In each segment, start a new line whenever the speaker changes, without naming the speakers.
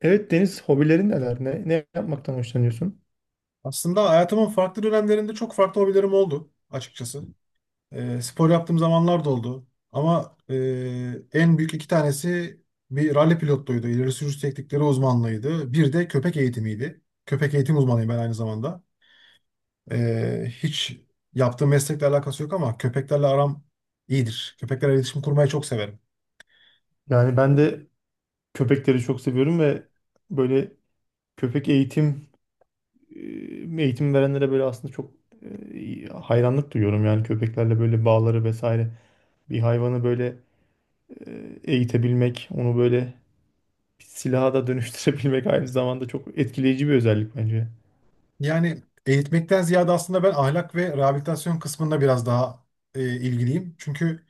Evet Deniz, hobilerin neler? Ne yapmaktan hoşlanıyorsun?
Aslında hayatımın farklı dönemlerinde çok farklı hobilerim oldu açıkçası. Spor yaptığım zamanlar da oldu. Ama en büyük iki tanesi bir ralli pilotluydu. İleri sürüş teknikleri uzmanlığıydı. Bir de köpek eğitimiydi. Köpek eğitim uzmanıyım ben aynı zamanda. Hiç yaptığım meslekle alakası yok ama köpeklerle aram iyidir. Köpeklerle iletişim kurmayı çok severim.
Yani ben de köpekleri çok seviyorum ve böyle köpek eğitim verenlere böyle aslında çok hayranlık duyuyorum. Yani köpeklerle böyle bağları vesaire. Bir hayvanı böyle eğitebilmek, onu böyle bir silaha da dönüştürebilmek aynı zamanda çok etkileyici bir özellik bence.
Yani eğitmekten ziyade aslında ben ahlak ve rehabilitasyon kısmında biraz daha ilgiliyim. Çünkü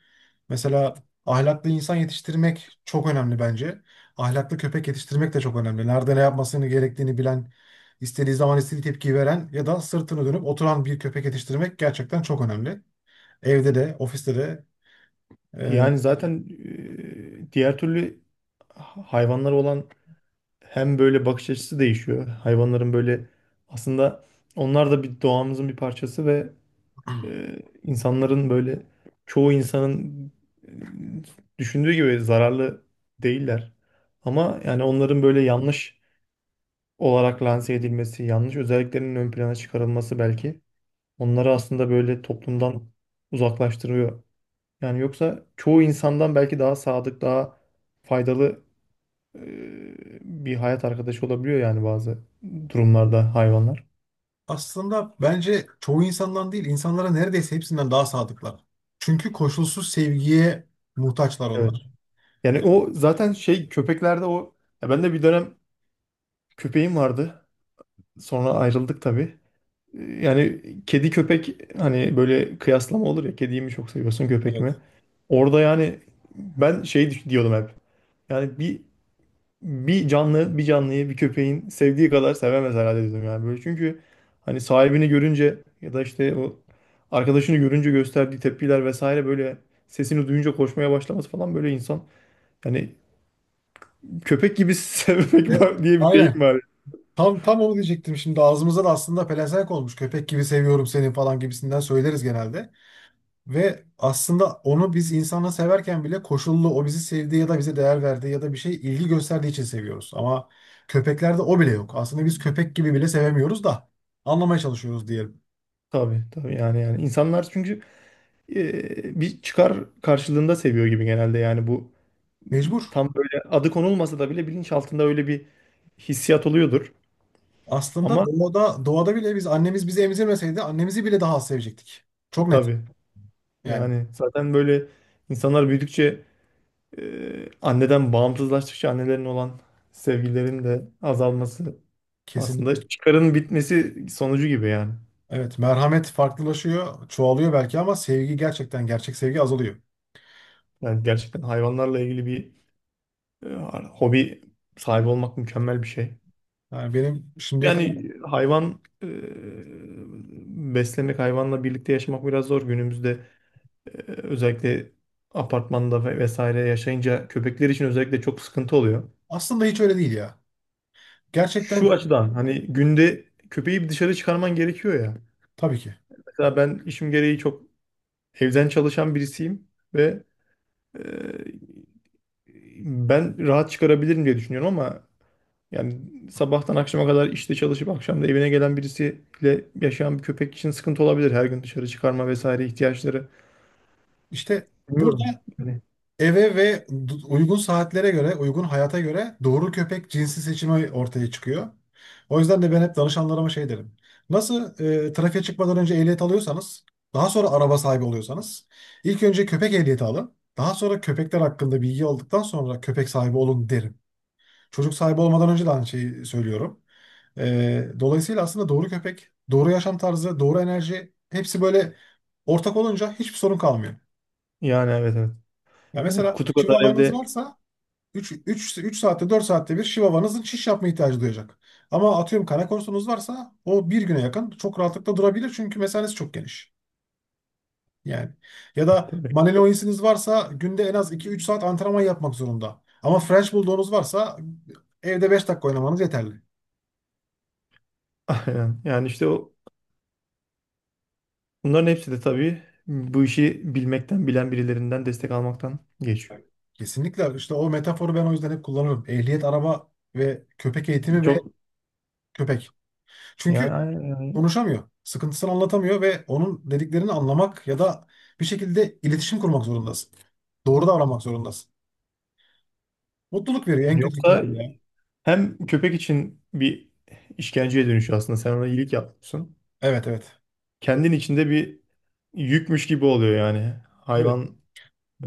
mesela ahlaklı insan yetiştirmek çok önemli bence. Ahlaklı köpek yetiştirmek de çok önemli. Nerede ne yapmasını gerektiğini bilen, istediği zaman istediği tepkiyi veren ya da sırtını dönüp oturan bir köpek yetiştirmek gerçekten çok önemli. Evde de, ofiste de. e,
Yani zaten diğer türlü hayvanlara olan hem böyle bakış açısı değişiyor. Hayvanların böyle aslında onlar da bir doğamızın bir parçası ve insanların böyle çoğu insanın düşündüğü gibi zararlı değiller. Ama yani onların böyle yanlış olarak lanse edilmesi, yanlış özelliklerinin ön plana çıkarılması belki onları aslında böyle toplumdan uzaklaştırıyor. Yani yoksa çoğu insandan belki daha sadık, daha faydalı e, bir hayat arkadaşı olabiliyor yani bazı durumlarda hayvanlar.
Aslında bence çoğu insandan değil, insanlara neredeyse hepsinden daha sadıklar. Çünkü koşulsuz sevgiye muhtaçlar
Evet.
onlar.
Yani
Yani,
o zaten şey köpeklerde o ya, ben de bir dönem köpeğim vardı. Sonra ayrıldık tabii. Yani kedi köpek hani böyle kıyaslama olur ya, kediyi mi çok seviyorsun köpek mi?
evet.
Orada yani ben şey diyordum hep. Yani bir canlı bir canlıyı bir köpeğin sevdiği kadar sevemez herhalde dedim yani böyle. Çünkü hani sahibini görünce ya da işte o arkadaşını görünce gösterdiği tepkiler vesaire, böyle sesini duyunca koşmaya başlaması falan, böyle insan yani, köpek gibi
E,
sevmek var diye bir deyim
aynen.
var.
Tam onu diyecektim şimdi. Ağzımıza da aslında pelesenk olmuş. "Köpek gibi seviyorum seni" falan gibisinden söyleriz genelde. Ve aslında onu biz insanla severken bile koşullu, o bizi sevdiği ya da bize değer verdiği ya da bir şey ilgi gösterdiği için seviyoruz. Ama köpeklerde o bile yok. Aslında biz köpek gibi bile sevemiyoruz da anlamaya çalışıyoruz diyelim.
Tabii tabii, yani insanlar çünkü bir çıkar karşılığında seviyor gibi genelde. Yani bu
Mecbur.
tam böyle adı konulmasa da bile bilinçaltında öyle bir hissiyat oluyordur.
Aslında
Ama
doğada bile biz annemiz bizi emzirmeseydi annemizi bile daha az sevecektik. Çok net.
tabii,
Yani
yani zaten böyle insanlar büyüdükçe, e, anneden bağımsızlaştıkça annelerin olan sevgilerin de azalması
kesinlikle.
aslında çıkarın bitmesi sonucu gibi yani.
Evet, merhamet farklılaşıyor, çoğalıyor belki ama sevgi gerçekten, gerçek sevgi azalıyor.
Yani gerçekten hayvanlarla ilgili bir e, hobi sahibi olmak mükemmel bir şey.
Yani benim şimdiye kadar
Yani beslemek, hayvanla birlikte yaşamak biraz zor günümüzde. Özellikle apartmanda ve vesaire yaşayınca köpekler için özellikle çok sıkıntı oluyor.
aslında hiç öyle değil ya. Gerçekten,
Şu açıdan, hani günde köpeği bir dışarı çıkarman gerekiyor ya.
tabii ki.
Mesela ben işim gereği çok evden çalışan birisiyim ve e, ben rahat çıkarabilirim diye düşünüyorum ama yani sabahtan akşama kadar işte çalışıp akşam da evine gelen birisiyle yaşayan bir köpek için sıkıntı olabilir. Her gün dışarı çıkarma vesaire ihtiyaçları.
İşte
Bilmiyorum.
burada
Yani,
eve ve uygun saatlere göre, uygun hayata göre doğru köpek cinsi seçimi ortaya çıkıyor. O yüzden de ben hep danışanlarıma şey derim. Nasıl trafiğe çıkmadan önce ehliyet alıyorsanız, daha sonra araba sahibi oluyorsanız, ilk önce köpek ehliyeti alın. Daha sonra köpekler hakkında bilgi aldıktan sonra köpek sahibi olun derim. Çocuk sahibi olmadan önce de aynı şeyi söylüyorum. Dolayısıyla aslında doğru köpek, doğru yaşam tarzı, doğru enerji hepsi böyle ortak olunca hiçbir sorun kalmıyor.
yani evet, evet.
Ya
Yani
mesela
kutu kadar
Chihuahua'nız
evde
varsa 3, 3 3 saatte, 4 saatte bir Chihuahua'nızın şiş yapma ihtiyacı duyacak. Ama atıyorum kana korsunuz varsa o bir güne yakın çok rahatlıkla durabilir çünkü mesanesi çok geniş. Yani ya da
tabii.
Malinois'iniz varsa günde en az iki üç saat antrenman yapmak zorunda. Ama French Bulldog'unuz varsa evde 5 dakika oynamanız yeterli.
Aynen. Yani işte o, bunların hepsi de tabii bu işi bilmekten, bilen birilerinden destek almaktan geçiyor.
Kesinlikle, işte o metaforu ben o yüzden hep kullanıyorum. Ehliyet, araba ve köpek eğitimi ve
Çok
köpek. Çünkü
yani, yani
konuşamıyor. Sıkıntısını anlatamıyor ve onun dediklerini anlamak ya da bir şekilde iletişim kurmak zorundasın. Doğru davranmak zorundasın. Mutluluk veriyor en
yani,
kötü
yoksa
ihtimalle, ya.
hem köpek için bir işkenceye dönüşüyor aslında. Sen ona iyilik yapıyorsun.
Evet, evet.
Kendin içinde bir yükmüş gibi oluyor yani.
Öyle.
Hayvan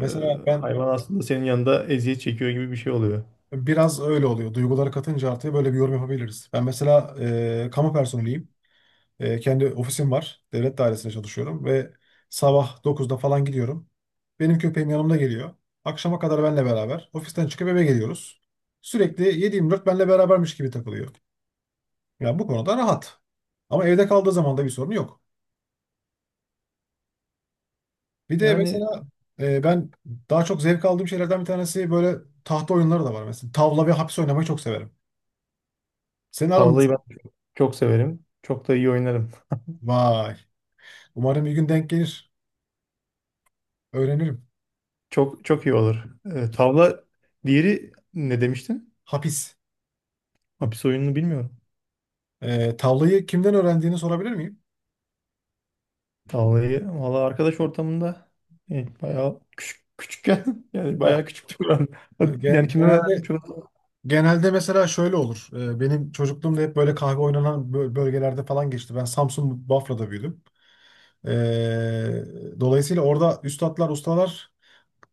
e,
ben
hayvan aslında senin yanında eziyet çekiyor gibi bir şey oluyor.
biraz öyle oluyor. Duyguları katınca artıya böyle bir yorum yapabiliriz. Ben mesela kamu personeliyim. Kendi ofisim var. Devlet dairesinde çalışıyorum ve sabah 9'da falan gidiyorum. Benim köpeğim yanımda geliyor. Akşama kadar benle beraber. Ofisten çıkıp eve geliyoruz. Sürekli 7-24 benle berabermiş gibi takılıyor. Yani bu konuda rahat. Ama evde kaldığı zaman da bir sorun yok. Bir de
Yani
mesela ben daha çok zevk aldığım şeylerden bir tanesi böyle tahta oyunları da var. Mesela tavla ve hapis oynamayı çok severim. Senin aran
tavlayı
nasıl?
ben çok çok severim. Çok da iyi oynarım.
Vay. Umarım bir gün denk gelir. Öğrenirim.
Çok çok iyi olur. Tavla, diğeri ne demiştin?
Hapis.
Hapis oyununu bilmiyorum.
Tavlayı kimden öğrendiğini sorabilir miyim?
Tavlayı valla arkadaş ortamında, yani bayağı küçük küçükken yani bayağı
Ya
küçüktü Kur'an.
Ya
Yani
gen-
kimden öğrendim
Genelde
çok.
genelde mesela şöyle olur. Benim çocukluğumda hep böyle kahve oynanan bölgelerde falan geçti. Ben Samsun Bafra'da büyüdüm. Ee, Dolayısıyla orada üstatlar, ustalar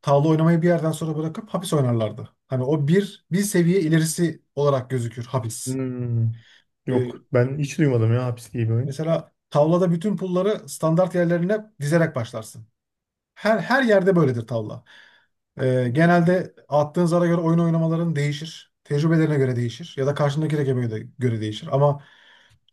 tavla oynamayı bir yerden sonra bırakıp hapis oynarlardı. Hani o bir seviye ilerisi olarak gözükür hapis.
Hmm, yok
Ee,
ben hiç duymadım ya hapis diye bir oyun.
Mesela tavlada bütün pulları standart yerlerine dizerek başlarsın. Her yerde böyledir tavla. Genelde attığın zara göre oyun oynamaların değişir. Tecrübelerine göre değişir. Ya da karşındaki rakibe göre değişir. Ama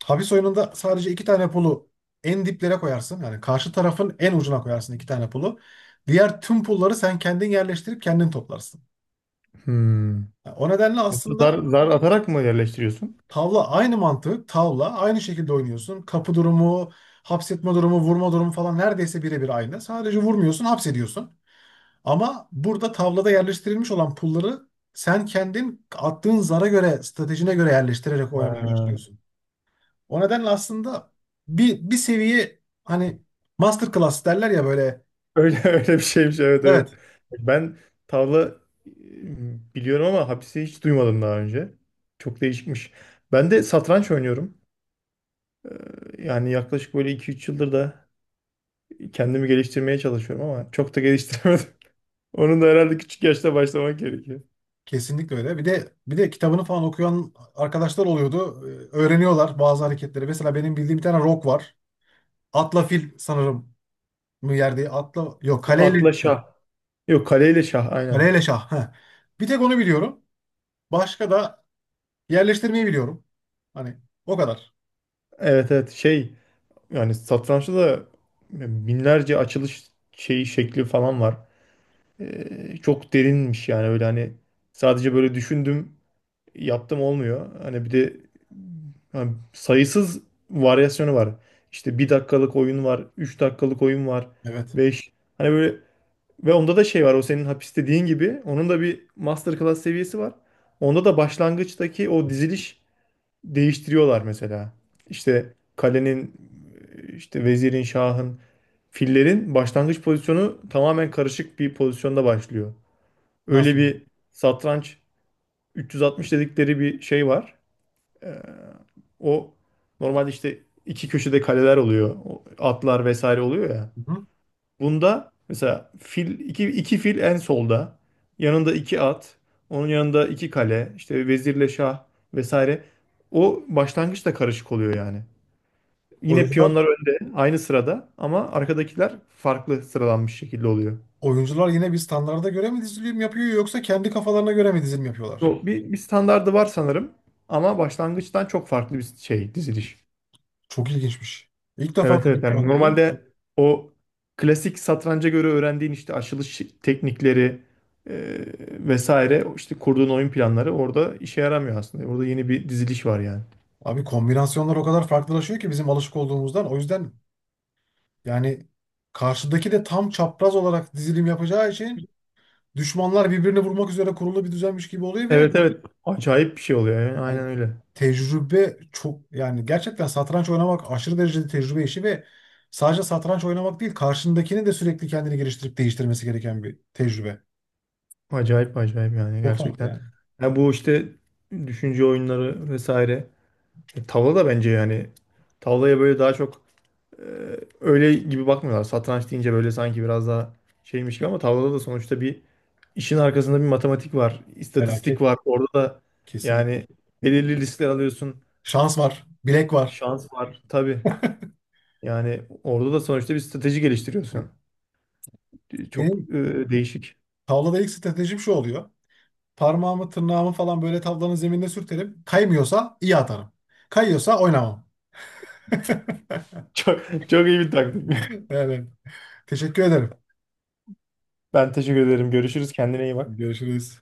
hapis oyununda sadece iki tane pulu en diplere koyarsın. Yani karşı tarafın en ucuna koyarsın iki tane pulu. Diğer tüm pulları sen kendin yerleştirip kendin toplarsın.
Hmm.
Yani o nedenle aslında
Zar atarak mı yerleştiriyorsun?
tavla aynı mantık. Tavla aynı şekilde oynuyorsun. Kapı durumu, hapsetme durumu, vurma durumu falan neredeyse birebir aynı. Sadece vurmuyorsun, hapsediyorsun. Ama burada tavlada yerleştirilmiş olan pulları sen kendin attığın zara göre, stratejine göre yerleştirerek oynamaya
Ha.
başlıyorsun. O nedenle aslında bir seviye, hani masterclass derler ya, böyle.
Öyle öyle bir şeymiş, evet evet.
Evet,
Ben tavla biliyorum ama hapisi hiç duymadım daha önce. Çok değişikmiş. Ben de satranç oynuyorum. Yani yaklaşık böyle 2-3 yıldır da kendimi geliştirmeye çalışıyorum ama çok da geliştiremedim. Onun da herhalde küçük yaşta başlamak gerekiyor.
kesinlikle öyle. Bir de kitabını falan okuyan arkadaşlar oluyordu. Öğreniyorlar bazı hareketleri. Mesela benim bildiğim bir tane rock var. Atla fil sanırım mı yerde? Atla, yok, kaleyle
Atla şah. Yok, kaleyle şah aynen.
kaleyle şah. Heh. Bir tek onu biliyorum. Başka da yerleştirmeyi biliyorum. Hani o kadar.
Evet evet, şey yani satrançta da binlerce açılış şeyi şekli falan var. Çok derinmiş yani, öyle hani sadece böyle düşündüm yaptım olmuyor. Hani bir de hani sayısız varyasyonu var. İşte 1 dakikalık oyun var, 3 dakikalık oyun var,
Evet.
5. Hani böyle, ve onda da şey var, o senin hapis dediğin gibi onun da bir masterclass seviyesi var. Onda da başlangıçtaki o diziliş değiştiriyorlar mesela. İşte kalenin, işte vezirin, şahın, fillerin başlangıç pozisyonu tamamen karışık bir pozisyonda başlıyor. Öyle
Nasıl?
bir satranç 360 dedikleri bir şey var. Ee, O normalde işte iki köşede kaleler oluyor, o atlar vesaire oluyor ya.
Hı-hı.
Bunda mesela iki fil en solda. Yanında iki at. Onun yanında iki kale. İşte vezirle şah vesaire. O başlangıç da karışık oluyor yani. Yine
Oyuncular
piyonlar önde aynı sırada ama arkadakiler farklı sıralanmış şekilde oluyor.
oyuncular yine bir standarda göre mi dizilim yapıyor yoksa kendi kafalarına göre mi dizilim yapıyorlar?
Bu bir standardı var sanırım ama başlangıçtan çok farklı bir şey diziliş.
Çok ilginçmiş. İlk defa
Evet
duydum
evet
şu
yani
anda bunu.
normalde o klasik satranca göre öğrendiğin işte açılış teknikleri, e, vesaire işte kurduğun oyun planları orada işe yaramıyor aslında. Orada yeni bir diziliş var yani.
Abi, kombinasyonlar o kadar farklılaşıyor ki bizim alışık olduğumuzdan. O yüzden yani karşıdaki de tam çapraz olarak dizilim yapacağı için düşmanlar birbirini vurmak üzere kurulu bir düzenmiş gibi oluyor ve
Evet evet, acayip bir şey oluyor yani,
hani
aynen öyle.
tecrübe çok, yani gerçekten satranç oynamak aşırı derecede tecrübe işi ve sadece satranç oynamak değil, karşındakini de sürekli kendini geliştirip değiştirmesi gereken bir tecrübe.
Acayip acayip yani
Çok farklı
gerçekten.
yani.
Ya bu işte düşünce oyunları vesaire. Tavla da bence yani, tavlaya böyle daha çok e, öyle gibi bakmıyorlar. Satranç deyince böyle sanki biraz daha şeymiş gibi, ama tavlada da sonuçta bir, işin arkasında bir matematik var,
Felaket.
istatistik var. Orada da
Kesinlikle.
yani belirli riskler alıyorsun.
Şans var. Bilek var.
Şans var tabii. Yani orada da sonuçta bir strateji geliştiriyorsun. Çok
Benim
değişik.
tavlada ilk stratejim şu oluyor. Parmağımı, tırnağımı falan böyle tavlanın zeminine sürterim. Kaymıyorsa iyi atarım. Kayıyorsa oynamam.
Çok, çok iyi bir taktik.
Evet. Teşekkür ederim.
Ben teşekkür ederim. Görüşürüz. Kendine iyi bak.
Görüşürüz.